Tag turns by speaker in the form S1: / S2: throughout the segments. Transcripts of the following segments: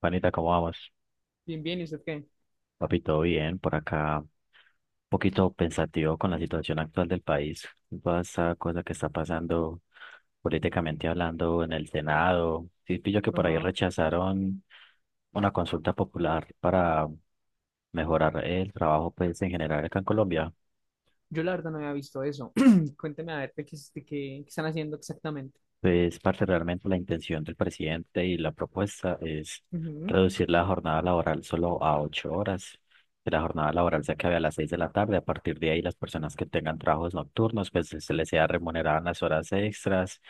S1: Panita, ¿cómo vamos?
S2: Bien, bien, ¿y usted qué?
S1: Papi, todo bien por acá. Un poquito pensativo con la situación actual del país. Toda esa cosa que está pasando políticamente hablando en el Senado. Sí, pillo que por ahí
S2: Ajá.
S1: rechazaron una consulta popular para mejorar el trabajo, pues, en general acá en Colombia.
S2: Yo la verdad no había visto eso. Cuénteme a ver de qué, es- de qué- qué están haciendo exactamente.
S1: Pues, parte realmente la intención del presidente y la propuesta es
S2: Ujú,
S1: reducir la jornada laboral solo a 8 horas, que la jornada laboral se acabe a las 6 de la tarde. A partir de ahí, las personas que tengan trabajos nocturnos, pues se les sea remunerada en las horas extras,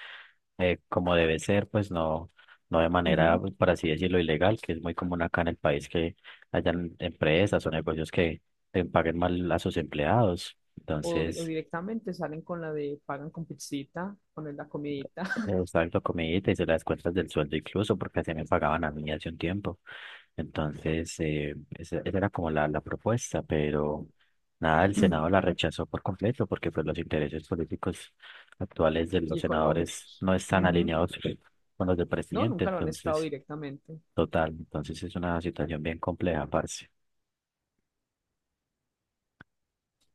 S1: como debe ser, pues no, no de manera,
S2: ujú.
S1: pues, por así decirlo, ilegal, que es muy común acá en el país que hayan empresas o negocios que paguen mal a sus empleados.
S2: O, o
S1: Entonces,
S2: directamente salen con la de pagan con pizzita, ponen la comidita
S1: le gustaba la comidita y se las cuentas del sueldo incluso, porque así me pagaban a mí hace un tiempo. Entonces, esa era como la propuesta, pero nada, el Senado la rechazó por completo, porque pues los intereses políticos actuales de
S2: y
S1: los senadores
S2: económicos.
S1: no están
S2: Ujú.
S1: alineados con los del
S2: No,
S1: presidente.
S2: nunca lo han estado
S1: Entonces,
S2: directamente.
S1: total, entonces es una situación bien compleja, parce.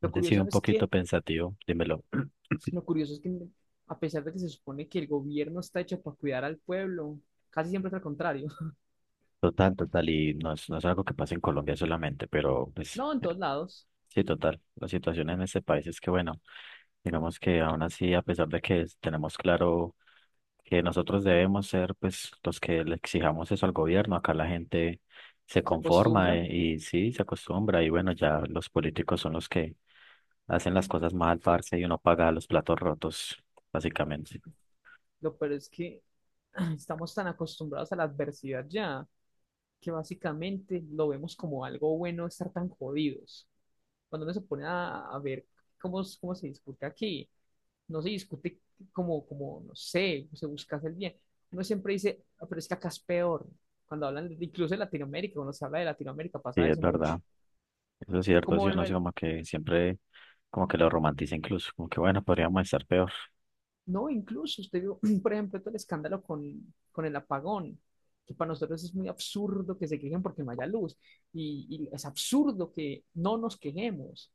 S2: Lo
S1: sí,
S2: curioso
S1: un
S2: es
S1: poquito
S2: que,
S1: pensativo, dímelo.
S2: lo curioso es que a pesar de que se supone que el gobierno está hecho para cuidar al pueblo, casi siempre es al contrario.
S1: Total, total, y no es algo que pasa en Colombia solamente, pero pues
S2: No, en todos lados
S1: sí, total. La situación en este país es que, bueno, digamos que aún así, a pesar de que tenemos claro que nosotros debemos ser, pues, los que le exijamos eso al gobierno, acá la gente se
S2: se
S1: conforma,
S2: acostumbra.
S1: y, sí, se acostumbra y bueno, ya los políticos son los que hacen las cosas mal, parce, y uno paga los platos rotos, básicamente.
S2: Lo peor es que estamos tan acostumbrados a la adversidad ya, que básicamente lo vemos como algo bueno estar tan jodidos. Cuando uno se pone a ver cómo se discute aquí, no se discute no sé, se busca hacer bien. Uno siempre dice, "Ah, pero es que acá es peor. Cuando incluso de Latinoamérica, cuando se habla de Latinoamérica,
S1: Sí,
S2: pasa
S1: es
S2: eso mucho.
S1: verdad. Eso es cierto, sí,
S2: Como lo
S1: uno sí como que siempre como que lo romantiza incluso, como que bueno, podríamos estar peor.
S2: No, incluso usted vio, por ejemplo, todo el escándalo con el apagón, que para nosotros es muy absurdo que se quejen porque no haya luz, y es absurdo que no nos quejemos.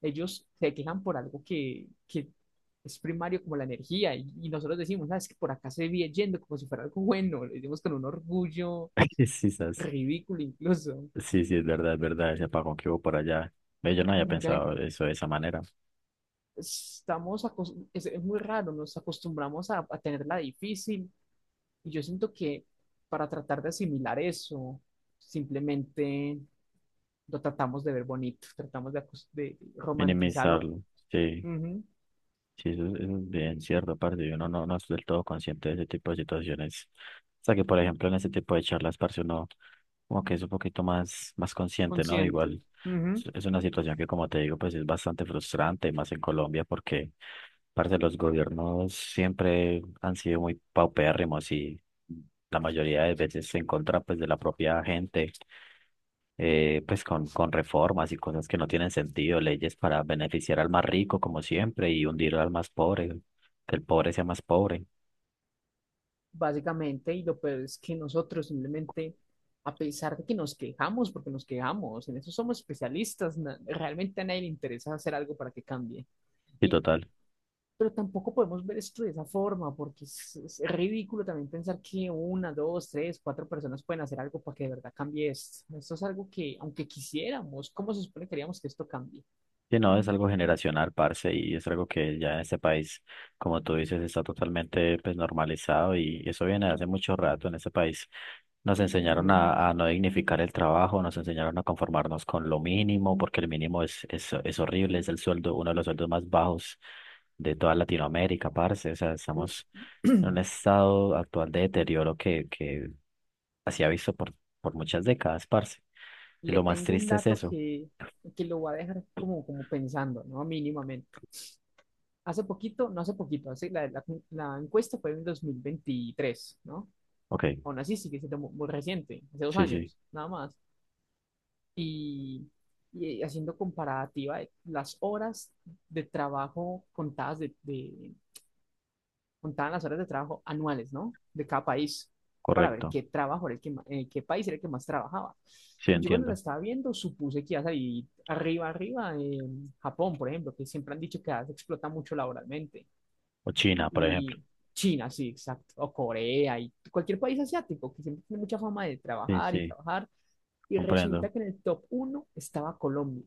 S2: Ellos se quejan por algo que es primario como la energía, y nosotros decimos, sabes que por acá se viene yendo como si fuera algo bueno, lo decimos con un orgullo
S1: Sí, sí,
S2: ridículo incluso.
S1: sí, sí, es verdad, ese apagón que hubo por allá. Ve, yo no había
S2: Y mucha gente,
S1: pensado eso de esa manera,
S2: es muy raro, nos acostumbramos a tenerla difícil. Y yo siento que para tratar de asimilar eso, simplemente lo tratamos de ver bonito, tratamos de romantizarlo.
S1: minimizarlo. Sí,
S2: Ujú,
S1: sí, eso, es, eso es bien cierto, parce. Y uno no, no es del todo consciente de ese tipo de situaciones. O sea que, por ejemplo, en ese tipo de charlas, parce, uno como que es un poquito más, más consciente, ¿no? Igual
S2: consciente,
S1: es
S2: ujú,
S1: es una situación que, como te digo, pues es bastante frustrante, y más en Colombia, porque, parce, los gobiernos siempre han sido muy paupérrimos y la mayoría de veces en contra, pues, de la propia gente. Pues con reformas y cosas que no tienen sentido, leyes para beneficiar al más rico como siempre y hundir al más pobre, que el pobre sea más pobre
S2: básicamente. Y lo peor es que nosotros simplemente, a pesar de que nos quejamos, porque nos quejamos, en eso somos especialistas, realmente a nadie le interesa hacer algo para que cambie.
S1: y
S2: Y
S1: total.
S2: pero tampoco podemos ver esto de esa forma, porque es ridículo también pensar que una, dos, tres, cuatro personas pueden hacer algo para que de verdad cambie esto. Esto es algo que, aunque quisiéramos, ¿cómo se supone que queríamos que esto cambie?
S1: Sí, no, es algo generacional, parce, y es algo que ya en este país, como tú dices, está totalmente, pues, normalizado y eso viene de hace mucho rato en este país. Nos enseñaron
S2: Ujú.
S1: a no dignificar el trabajo, nos enseñaron a conformarnos con lo mínimo, porque el mínimo es horrible, es el sueldo, uno de los sueldos más bajos de toda Latinoamérica, parce. O sea,
S2: Le,
S1: estamos en un estado actual de deterioro que así ha visto por muchas décadas, parce. Y
S2: le
S1: lo más
S2: tengo un
S1: triste es
S2: dato
S1: eso.
S2: que lo voy a dejar como, como pensando, ¿no? Mínimamente. No hace poquito, hace, la encuesta fue en 2023, ¿no?
S1: Ok,
S2: Aún así sigue siendo muy, muy reciente, hace dos
S1: sí, sí,
S2: años, nada más. Y, y haciendo comparativa de las horas de trabajo contaban las horas de trabajo anuales, ¿no? De cada país, para ver
S1: correcto.
S2: qué trabajo era el qué país era el que más trabajaba.
S1: Sí,
S2: Y yo cuando la
S1: entiendo.
S2: estaba viendo supuse que iba a salir arriba, arriba, en Japón, por ejemplo, que siempre han dicho que se explota mucho laboralmente.
S1: O China, por ejemplo.
S2: Y China, sí, exacto, o Corea, y cualquier país asiático que siempre tiene mucha fama de
S1: Sí,
S2: trabajar y
S1: sí,
S2: trabajar. Y resulta
S1: comprendo.
S2: que en el top uno estaba Colombia.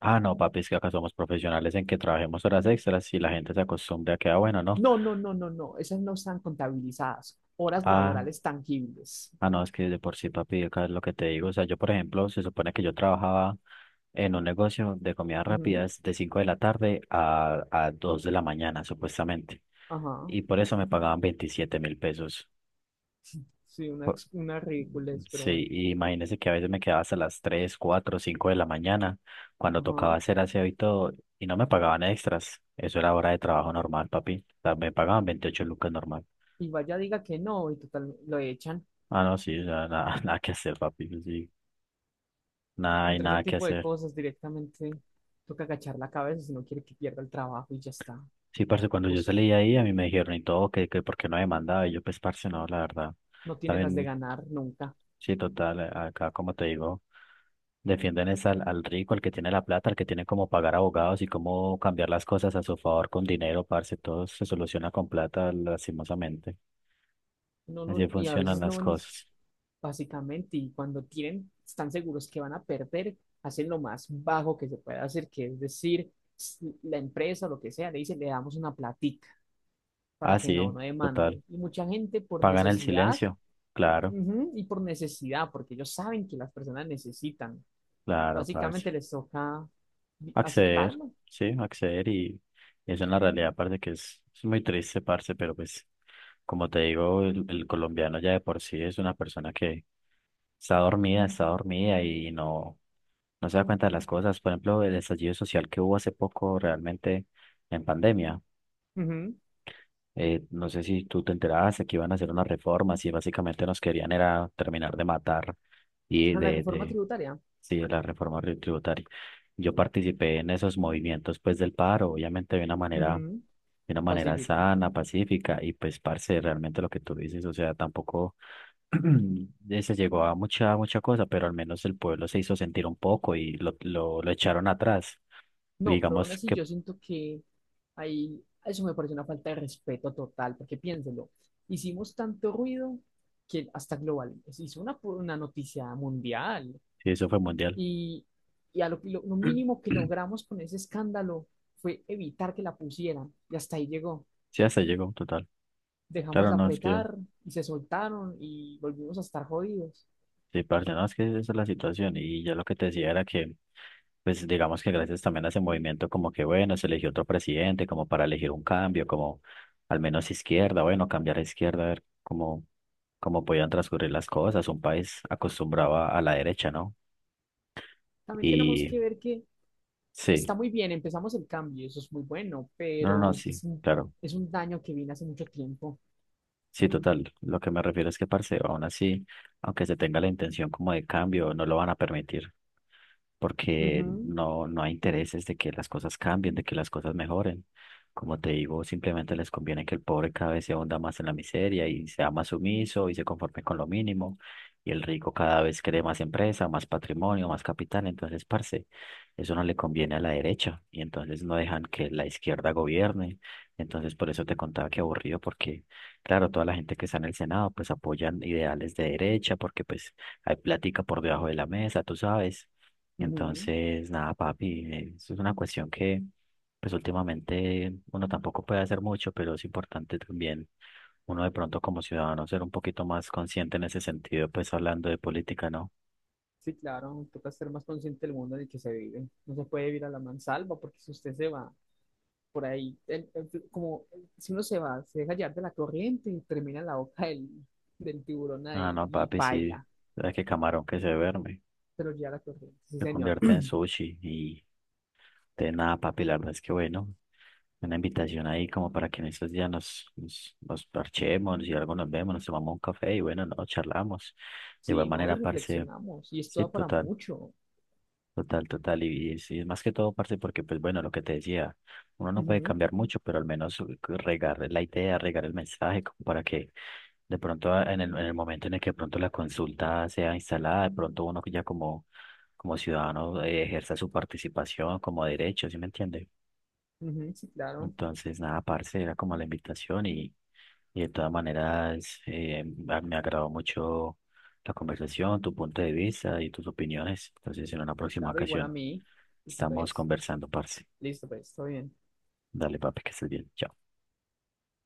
S1: Ah, no, papi, es que acá somos profesionales en que trabajemos horas extras y la gente se acostumbra a que, ah, bueno, no.
S2: No, no, no, no, no. Esas no están contabilizadas. Horas
S1: Ah,
S2: laborales tangibles.
S1: no, es que de por sí, papi, acá es lo que te digo. O sea, yo, por ejemplo, se supone que yo trabajaba en un negocio de comidas
S2: Ujú.
S1: rápidas de 5 de la tarde a 2 de la mañana, supuestamente.
S2: Ajá.
S1: Y por eso me pagaban 27.000 pesos.
S2: Sí, una, una ridiculez, pero
S1: Sí,
S2: bueno.
S1: y imagínese que a veces me quedaba hasta las 3, 4, 5 de la mañana cuando tocaba
S2: Ajá.
S1: hacer aseo y todo, y no me pagaban extras. Eso era hora de trabajo normal, papi. O sea, me pagaban 28 lucas normal.
S2: Y vaya diga que no, y total, lo echan.
S1: Ah, no, sí, o sea, nada, nada que hacer, papi. Sí, nada, hay
S2: Contra ese
S1: nada que
S2: tipo de
S1: hacer.
S2: cosas directamente toca agachar la cabeza si no quiere que pierda el trabajo y ya está.
S1: Sí, parce, cuando yo
S2: Pues
S1: salí de ahí, a mí me dijeron y todo, que por qué no demandaba. Y yo, pues, parce, no, la verdad.
S2: no tiene las de
S1: También
S2: ganar nunca.
S1: sí, total, acá como te digo, defienden es al, al rico, al que tiene la plata, al que tiene cómo pagar abogados y cómo cambiar las cosas a su favor con dinero, parce, todo se soluciona con plata, lastimosamente.
S2: No,
S1: Así
S2: no, y a
S1: funcionan
S2: veces
S1: las cosas.
S2: básicamente, y cuando tienen, están seguros que van a perder, hacen lo más bajo que se pueda hacer, que es decir, la empresa o lo que sea, le dice le damos una platica
S1: Ah,
S2: para que
S1: sí,
S2: no
S1: total.
S2: demande. Y mucha gente por
S1: Pagan el
S2: necesidad,
S1: silencio. Claro,
S2: ujú, y por necesidad, porque ellos saben que las personas necesitan,
S1: claro, parce,
S2: básicamente les toca
S1: acceder,
S2: aceptarlo.
S1: sí, acceder, y eso en la realidad parece que es muy triste, parce, pero pues como te digo, el colombiano ya de por sí es una persona que está dormida y no, no se da cuenta de las cosas. Por ejemplo, el estallido social que hubo hace poco realmente en pandemia.
S2: Ujú.
S1: No sé si tú te enteraste que iban a hacer unas reformas y básicamente nos querían era terminar de matar y
S2: A la reforma tributaria,
S1: sí, de la reforma tributaria. Yo participé en esos movimientos, pues, del paro, obviamente
S2: ujú,
S1: de una manera
S2: pacífica.
S1: sana, pacífica y pues parce, realmente lo que tú dices, o sea, tampoco se llegó a mucha, mucha cosa, pero al menos el pueblo se hizo sentir un poco y lo echaron atrás.
S2: No, pero aún
S1: Digamos
S2: así
S1: que
S2: yo siento que ahí eso me parece una falta de respeto total, porque piénselo, hicimos tanto ruido que hasta global, se hizo una noticia mundial,
S1: eso fue mundial.
S2: y, y a lo mínimo que logramos con ese escándalo fue evitar que la pusieran y hasta ahí llegó.
S1: Sí, hasta ahí llegó total.
S2: Dejamos
S1: Claro,
S2: de
S1: no, es que,
S2: apretar y se soltaron y volvimos a estar jodidos.
S1: sí, parce, no, es que esa es la situación. Y ya lo que te decía era que, pues digamos que gracias también a ese movimiento, como que bueno, se eligió otro presidente, como para elegir un cambio, como al menos izquierda, bueno, cambiar a izquierda, a ver cómo, cómo podían transcurrir las cosas. Un país acostumbrado a la derecha, ¿no?
S2: También tenemos
S1: Y
S2: que ver que está
S1: sí,
S2: muy bien, empezamos el cambio, eso es muy bueno,
S1: no, no, no,
S2: pero es que
S1: sí, claro.
S2: es un daño que viene hace mucho tiempo.
S1: Sí, total. Lo que me refiero es que, parce, aún así, aunque se tenga la intención como de cambio, no lo van a permitir porque
S2: Ujú,
S1: no, no hay intereses de que las cosas cambien, de que las cosas mejoren. Como te digo, simplemente les conviene que el pobre cada vez se hunda más en la miseria y sea más sumiso y se conforme con lo mínimo. Y el rico cada vez cree más empresa, más patrimonio, más capital. Entonces, parce, eso no le conviene a la derecha. Y entonces no dejan que la izquierda gobierne. Entonces, por eso te contaba, que aburrido, porque claro, toda la gente que está en el Senado pues apoyan ideales de derecha porque pues hay plática por debajo de la mesa, tú sabes.
S2: ujú.
S1: Entonces, nada, papi, eso es una cuestión que, pues, últimamente uno tampoco puede hacer mucho, pero es importante también uno de pronto como ciudadano ser un poquito más consciente en ese sentido, pues hablando de política, ¿no?
S2: Sí, claro, toca ser más consciente del mundo en el que se vive. No se puede vivir a la mansalva porque si usted se va por ahí, si uno se va, se deja llevar de la corriente y termina en la boca del tiburón
S1: Ah,
S2: ahí
S1: no,
S2: y
S1: papi, sí,
S2: paila,
S1: sabes que camarón que se duerme
S2: pero ya la corriente. Sí,
S1: se
S2: señor.
S1: convierte en sushi y. De nada, papi, la verdad es que, bueno, una invitación ahí como para que en estos días nos parchemos y algo nos vemos, nos tomamos un café y bueno, no, charlamos. De igual
S2: Sí, no, y
S1: manera, parce,
S2: reflexionamos y esto
S1: sí,
S2: da para
S1: total,
S2: mucho.
S1: total, total. Y, y es más que todo, parce, porque pues, bueno, lo que te decía, uno no puede
S2: Ujú,
S1: cambiar mucho, pero al menos regar la idea, regar el mensaje, como para que de pronto, ah, en el momento en el que de pronto la consulta sea instalada, de pronto uno que ya como, como ciudadano ejerza su participación como derecho, ¿sí me entiende?
S2: sí, claro,
S1: Entonces, nada, parce, era como la invitación y de todas maneras, me agradó mucho la conversación, tu punto de vista y tus opiniones. Entonces, en una
S2: sí,
S1: próxima
S2: claro, igual a
S1: ocasión
S2: mí. Listo,
S1: estamos
S2: pues,
S1: conversando, parce.
S2: listo, pues, todo bien.
S1: Dale, papi, que estés bien. Chao.